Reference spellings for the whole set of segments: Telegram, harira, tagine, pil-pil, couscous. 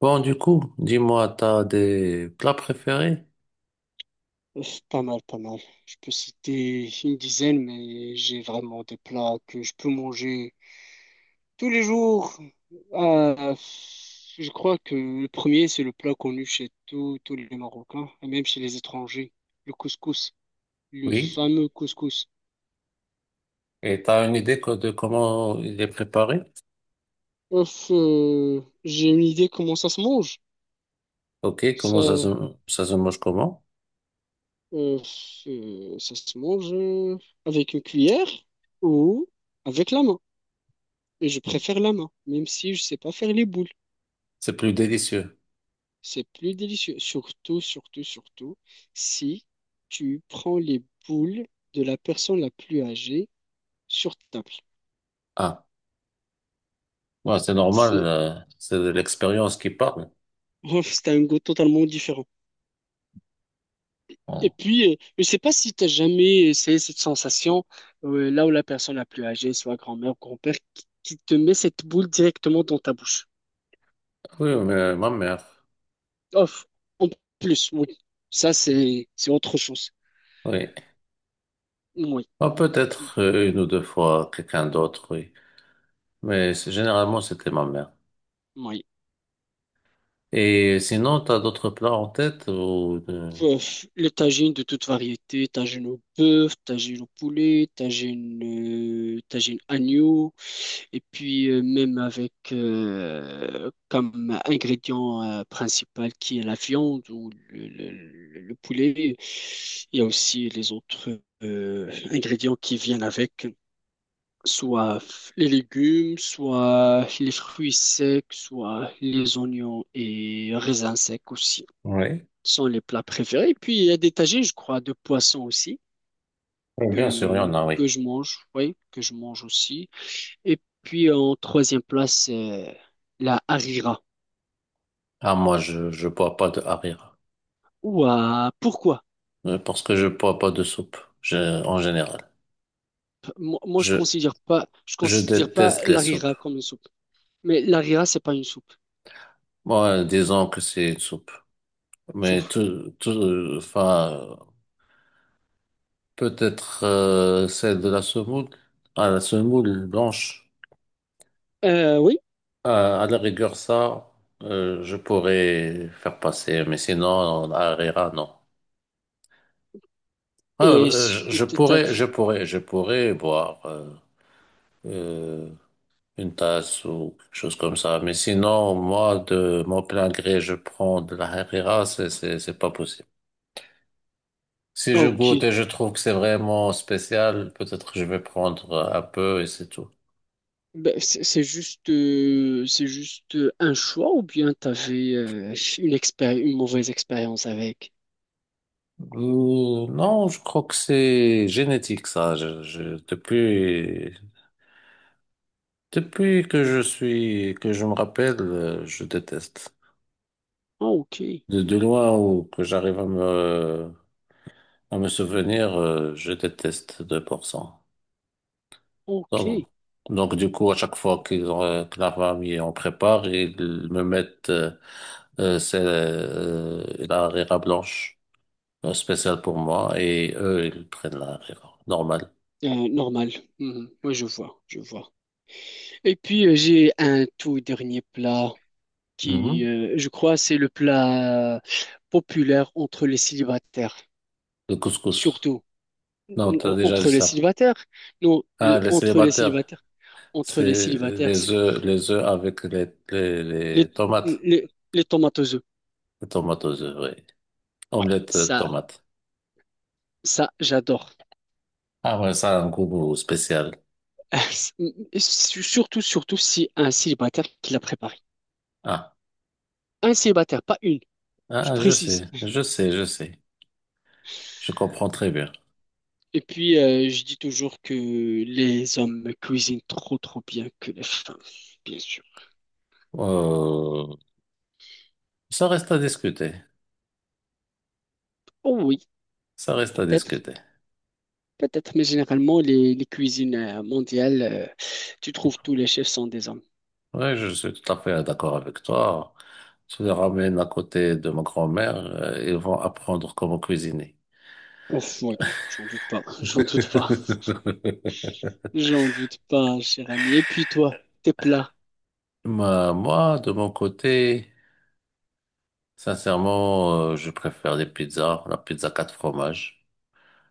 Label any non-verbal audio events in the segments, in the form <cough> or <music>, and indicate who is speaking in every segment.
Speaker 1: Bon, du coup, dis-moi, t'as des plats préférés?
Speaker 2: Ouf, pas mal, pas mal. Je peux citer une dizaine, mais j'ai vraiment des plats que je peux manger tous les jours. Euh, je crois que le premier, c'est le plat connu chez tous les Marocains, et même chez les étrangers, le couscous, le
Speaker 1: Oui.
Speaker 2: fameux couscous.
Speaker 1: Et t'as une idée de comment il est préparé?
Speaker 2: Ouf, j'ai une idée comment ça se mange.
Speaker 1: Ok,
Speaker 2: Ça, euh,
Speaker 1: ça se mange comment?
Speaker 2: euh, Ça se mange avec une cuillère ou avec la main. Et je préfère la main, même si je sais pas faire les boules.
Speaker 1: C'est plus délicieux.
Speaker 2: C'est plus délicieux. Surtout, surtout, surtout, si tu prends les boules de la personne la plus âgée sur ta table.
Speaker 1: Ah, ouais, c'est normal,
Speaker 2: C'est
Speaker 1: c'est de l'expérience qui parle.
Speaker 2: <laughs> c'est un goût totalement différent. Et
Speaker 1: Bon.
Speaker 2: puis, je ne sais pas si tu as jamais essayé cette sensation là où la personne la plus âgée, soit grand-mère ou grand-père, qui te met cette boule directement dans ta bouche.
Speaker 1: Oui, mais ma mère,
Speaker 2: Off. En plus, oui. Ça, c'est autre chose.
Speaker 1: oui.
Speaker 2: Oui.
Speaker 1: Ah, peut-être une ou deux fois quelqu'un d'autre, oui. Mais généralement, c'était ma mère.
Speaker 2: Oui.
Speaker 1: Et sinon, t'as d'autres plats en tête ou de...
Speaker 2: Pouf, les tagines de toute variété, tagine au bœuf, tagine au poulet, tagine, tagine agneau, et puis même avec comme ingrédient principal qui est la viande ou le poulet. Il y a aussi les autres ingrédients qui viennent avec, soit les légumes, soit les fruits secs, soit les oignons et raisins secs aussi
Speaker 1: Oui.
Speaker 2: sont les plats préférés. Puis il y a des tagines, je crois, de poissons aussi
Speaker 1: Oui, bien sûr, il y en
Speaker 2: que,
Speaker 1: a,
Speaker 2: que
Speaker 1: oui.
Speaker 2: je mange, oui, que je mange aussi. Et puis en troisième place, c'est la harira.
Speaker 1: Ah, moi, je bois pas de harira.
Speaker 2: Ouah, pourquoi?
Speaker 1: Parce que je bois pas de soupe, je, en général.
Speaker 2: P- Moi, moi, je
Speaker 1: Je,
Speaker 2: considère pas, Je
Speaker 1: je
Speaker 2: considère pas
Speaker 1: déteste les soupes.
Speaker 2: l'harira comme une soupe. Mais l'harira, c'est pas une soupe.
Speaker 1: Moi, disons que c'est une soupe.
Speaker 2: Fou.
Speaker 1: Mais enfin, peut-être celle de la semoule, à la semoule blanche.
Speaker 2: Oui.
Speaker 1: À la rigueur, ça, je pourrais faire passer. Mais sinon, à Herrera, non. Ah,
Speaker 2: Est-ce que t'as...
Speaker 1: je pourrais boire. Euh, une tasse ou quelque chose comme ça. Mais sinon, moi, de mon plein gré, je prends de la Herrera, c'est pas possible. Si je
Speaker 2: Ok.
Speaker 1: goûte et je trouve que c'est vraiment spécial, peut-être que je vais prendre un peu et c'est tout.
Speaker 2: Ben, c'est juste, c'est juste un choix ou bien t'avais avais une une mauvaise expérience avec?
Speaker 1: Non, je crois que c'est génétique, ça. Depuis, depuis que que je me rappelle, je déteste.
Speaker 2: Ah, ok.
Speaker 1: De loin ou que j'arrive à à me souvenir, je déteste 2%.
Speaker 2: Ok,
Speaker 1: Donc, donc, du coup, à chaque fois que la famille en prépare, ils me mettent la harira blanche spéciale pour moi et eux, ils prennent la harira normale.
Speaker 2: Normal. Mhm. Ouais, je vois, je vois. Et puis j'ai un tout dernier plat qui,
Speaker 1: Mhm.
Speaker 2: je crois, c'est le plat populaire entre les célibataires,
Speaker 1: Le couscous.
Speaker 2: surtout
Speaker 1: Non, t'as déjà dit
Speaker 2: entre les
Speaker 1: ça.
Speaker 2: célibataires. Non,
Speaker 1: Ah,
Speaker 2: le,
Speaker 1: les célibataires,
Speaker 2: entre les
Speaker 1: c'est
Speaker 2: célibataires,
Speaker 1: les
Speaker 2: c'est
Speaker 1: œufs,
Speaker 2: les
Speaker 1: les tomates.
Speaker 2: les les tomates aux œufs.
Speaker 1: Les tomates aux œufs, oui.
Speaker 2: Ouais,
Speaker 1: Omelette tomate.
Speaker 2: ça, j'adore.
Speaker 1: Ah ouais, ça a un goût spécial.
Speaker 2: <laughs> Surtout, surtout si un célibataire qui l'a préparé.
Speaker 1: Ah,
Speaker 2: Un célibataire, pas une. Je précise.
Speaker 1: je sais. Je comprends très bien.
Speaker 2: Et puis, je dis toujours que les hommes cuisinent trop, trop bien que les femmes, bien sûr.
Speaker 1: Euh, Ça reste à discuter.
Speaker 2: Oh oui,
Speaker 1: Ça reste à
Speaker 2: peut-être,
Speaker 1: discuter.
Speaker 2: peut-être, mais généralement, les cuisines mondiales, tu trouves tous les chefs sont des hommes.
Speaker 1: Oui, je suis tout à fait d'accord avec toi. Tu les ramènes à côté de ma grand-mère, ils vont apprendre comment cuisiner.
Speaker 2: Ouf, oui, j'en doute pas, <laughs>
Speaker 1: <laughs>
Speaker 2: j'en doute pas, cher ami. Et puis toi, tes plats.
Speaker 1: Moi, de mon côté, sincèrement, je préfère les pizzas, la pizza quatre fromages.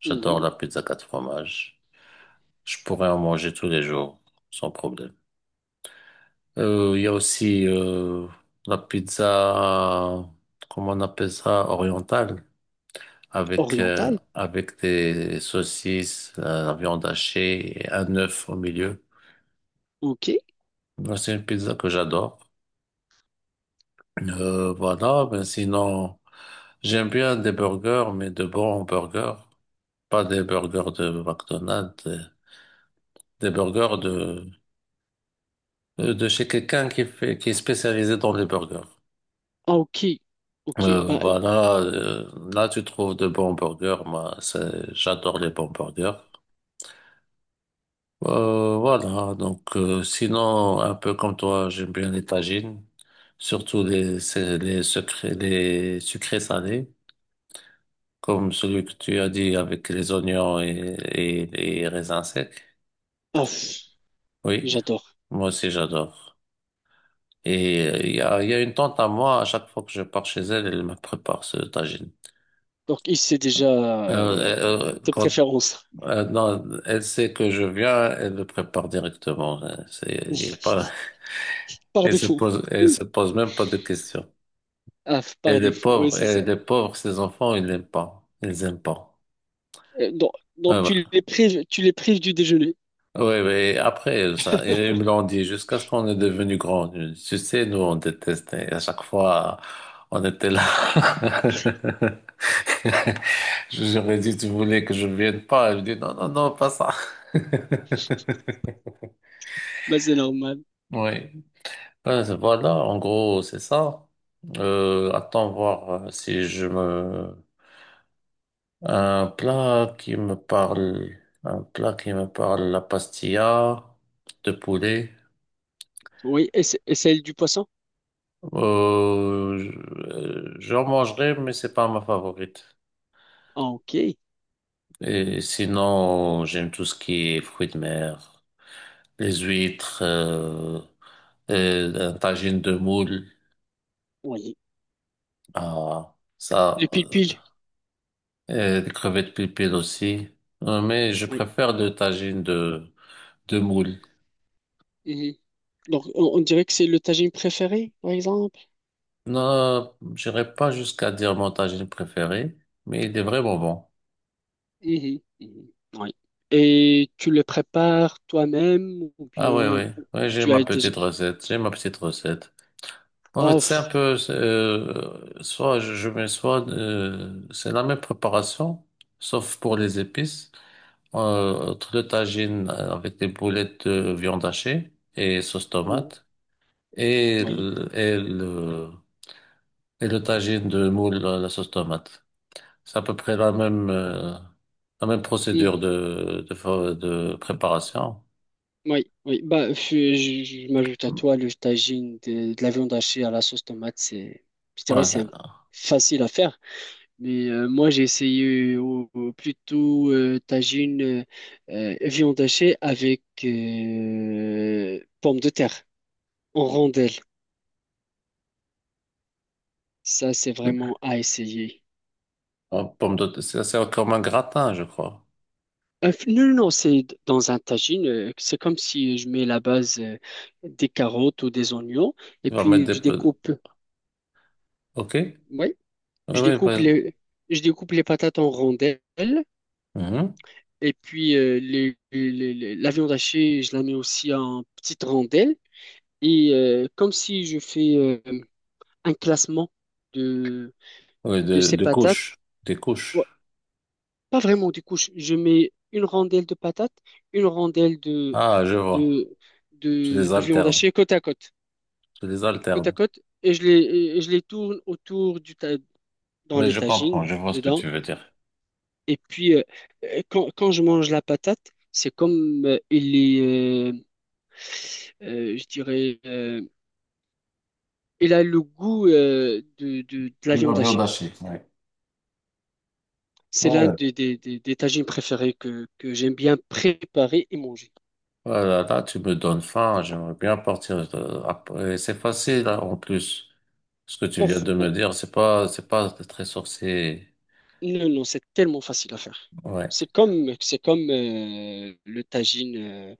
Speaker 1: J'adore
Speaker 2: Mhm.
Speaker 1: la pizza quatre fromages. Je pourrais en manger tous les jours, sans problème. Il y a aussi la pizza, comment on appelle ça, orientale. Avec,
Speaker 2: Oriental,
Speaker 1: avec des saucisses, la viande hachée et un œuf au milieu.
Speaker 2: ok,
Speaker 1: Ben, c'est une pizza que j'adore. Voilà, ben sinon, j'aime bien des burgers, mais de bons burgers. Pas des burgers de McDonald's, des burgers de chez quelqu'un qui fait, qui est spécialisé dans les burgers.
Speaker 2: ah ok, ok, bah,
Speaker 1: Voilà, là tu trouves de bons burgers. Moi, j'adore les bons burgers. Voilà, donc sinon, un peu comme toi, j'aime bien les tagines, surtout les, secrets, les sucrés salés, comme celui que tu as dit avec les oignons et les raisins secs.
Speaker 2: ah, pff,
Speaker 1: Oui,
Speaker 2: j'adore.
Speaker 1: moi aussi j'adore. Et il y a une tante à moi, à chaque fois que je pars chez elle, elle me prépare ce tagine.
Speaker 2: Donc, il sait déjà
Speaker 1: Euh, euh,
Speaker 2: tes
Speaker 1: quand,
Speaker 2: préférences,
Speaker 1: non, elle sait que je viens, elle le prépare directement. Hein. Il y a pas, <laughs>
Speaker 2: par défaut.
Speaker 1: elle se pose même pas de questions.
Speaker 2: Ah, par défaut, oui, c'est ça.
Speaker 1: Et les pauvres, ces enfants, ils n'aiment pas. Ils aiment pas.
Speaker 2: Euh, Donc,
Speaker 1: Ouais,
Speaker 2: donc
Speaker 1: ouais.
Speaker 2: tu les prives du déjeuner.
Speaker 1: Ouais, ouais, après, ça, ils me l'ont dit jusqu'à ce qu'on est devenu grand. Tu sais, nous, on détestait. À chaque fois, on était là. <laughs> J'aurais dit, tu voulais que je vienne pas. Elle me dit, non, non, non, pas ça. <laughs>
Speaker 2: Bah, c'est normal.
Speaker 1: Oui. Ben, voilà, en gros, c'est ça. Attends voir si je me, un plat qui me parle, un plat qui me parle, la pastilla de poulet.
Speaker 2: Oui, et, et celle du poisson?
Speaker 1: Euh, je- J'en mangerai, mais c'est pas ma favorite.
Speaker 2: Ah, ok.
Speaker 1: Et sinon, j'aime tout ce qui est fruits de mer, les huîtres, et un tagine de moule,
Speaker 2: Oui.
Speaker 1: ah,
Speaker 2: Le
Speaker 1: ça,
Speaker 2: pil-pil?
Speaker 1: et des crevettes pilpil aussi. Mais je
Speaker 2: Oui.
Speaker 1: préfère le tagine de moule.
Speaker 2: Mhm. Donc, on dirait que c'est le tagine préféré, par exemple.
Speaker 1: Non, j'irai pas jusqu'à dire mon tagine préféré, mais il est vraiment bon.
Speaker 2: Mhm. Mhm. Oui. Et tu le prépares toi-même ou
Speaker 1: Ah oui,
Speaker 2: bien
Speaker 1: oui,
Speaker 2: tu as déjà...
Speaker 1: j'ai ma petite recette. En fait,
Speaker 2: Oh,
Speaker 1: c'est un
Speaker 2: pff,
Speaker 1: peu, soit je mets soit, c'est la même préparation, sauf pour les épices. Entre le tagine avec des boulettes de viande hachée et sauce
Speaker 2: mhm.
Speaker 1: tomate, et,
Speaker 2: Oui.
Speaker 1: et le tagine de moule à la sauce tomate. C'est à peu près la même
Speaker 2: Mhm.
Speaker 1: procédure de, de préparation.
Speaker 2: Oui, oui. Bah, je m'ajoute à toi le tagine de la viande hachée à la sauce tomate. C'est, je dirais,
Speaker 1: Ouais,
Speaker 2: facile à faire. Mais moi, j'ai essayé plutôt tagine viande hachée avec pommes de terre en rondelles. Ça, c'est vraiment à essayer.
Speaker 1: en pomme de terre, c'est comme un gratin, je crois.
Speaker 2: Non, non, non, dans un tagine. Euh, c'est comme si je mets la base des carottes ou des oignons et
Speaker 1: Tu vas mettre
Speaker 2: puis
Speaker 1: des
Speaker 2: je
Speaker 1: peu,
Speaker 2: découpe.
Speaker 1: ok? Oui,
Speaker 2: Oui, je découpe
Speaker 1: oui.
Speaker 2: les, je découpe les patates en rondelles.
Speaker 1: Mhm.
Speaker 2: Et puis, la viande hachée, je la mets aussi en petites rondelles. Et comme si je fais un classement de,
Speaker 1: Oui,
Speaker 2: de ces
Speaker 1: de
Speaker 2: patates.
Speaker 1: couches, des
Speaker 2: Ouais,
Speaker 1: couches.
Speaker 2: pas vraiment du coup, je mets une rondelle de patates, une rondelle
Speaker 1: Ah, je vois.
Speaker 2: de,
Speaker 1: Tu les
Speaker 2: de viande
Speaker 1: alternes,
Speaker 2: hachée
Speaker 1: tu les
Speaker 2: côte
Speaker 1: alternes.
Speaker 2: à côte, et et je les tourne autour du dans
Speaker 1: Oui,
Speaker 2: le
Speaker 1: je comprends,
Speaker 2: tagine,
Speaker 1: je vois ce que
Speaker 2: dedans.
Speaker 1: tu veux dire.
Speaker 2: Et puis, quand je mange la patate, c'est comme je dirais, il a le goût de la
Speaker 1: De la
Speaker 2: viande
Speaker 1: viande
Speaker 2: hachée.
Speaker 1: hachée, ouais.
Speaker 2: C'est l'un
Speaker 1: Ouais.
Speaker 2: des tagines préférés que j'aime bien préparer et manger.
Speaker 1: Voilà, là, tu me donnes faim, j'aimerais bien partir. Après. C'est facile, hein, en plus. Ce que tu
Speaker 2: Bon,
Speaker 1: viens de me
Speaker 2: on-
Speaker 1: dire, c'est pas très sorcier.
Speaker 2: non, non, c'est tellement facile à faire.
Speaker 1: Ouais.
Speaker 2: C'est comme le tagine euh,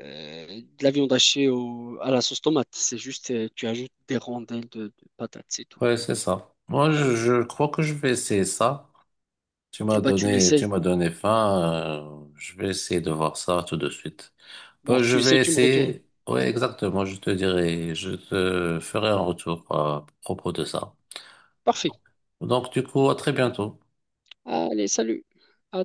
Speaker 2: euh, de la viande hachée à la sauce tomate. C'est juste, tu ajoutes des rondelles de patates, c'est tout.
Speaker 1: Ouais, c'est ça. Moi, je crois que je vais essayer ça.
Speaker 2: Ah bah, tu
Speaker 1: Tu
Speaker 2: l'essayes.
Speaker 1: m'as donné faim. Je vais essayer de voir ça tout de suite.
Speaker 2: Bah,
Speaker 1: Bah, je
Speaker 2: tu
Speaker 1: vais
Speaker 2: l'essayes, tu me retournes.
Speaker 1: essayer. Ouais, exactement. Je te dirai, je te ferai un retour à propos de ça.
Speaker 2: Parfait.
Speaker 1: Donc, du coup, à très bientôt.
Speaker 2: Allez, salut. À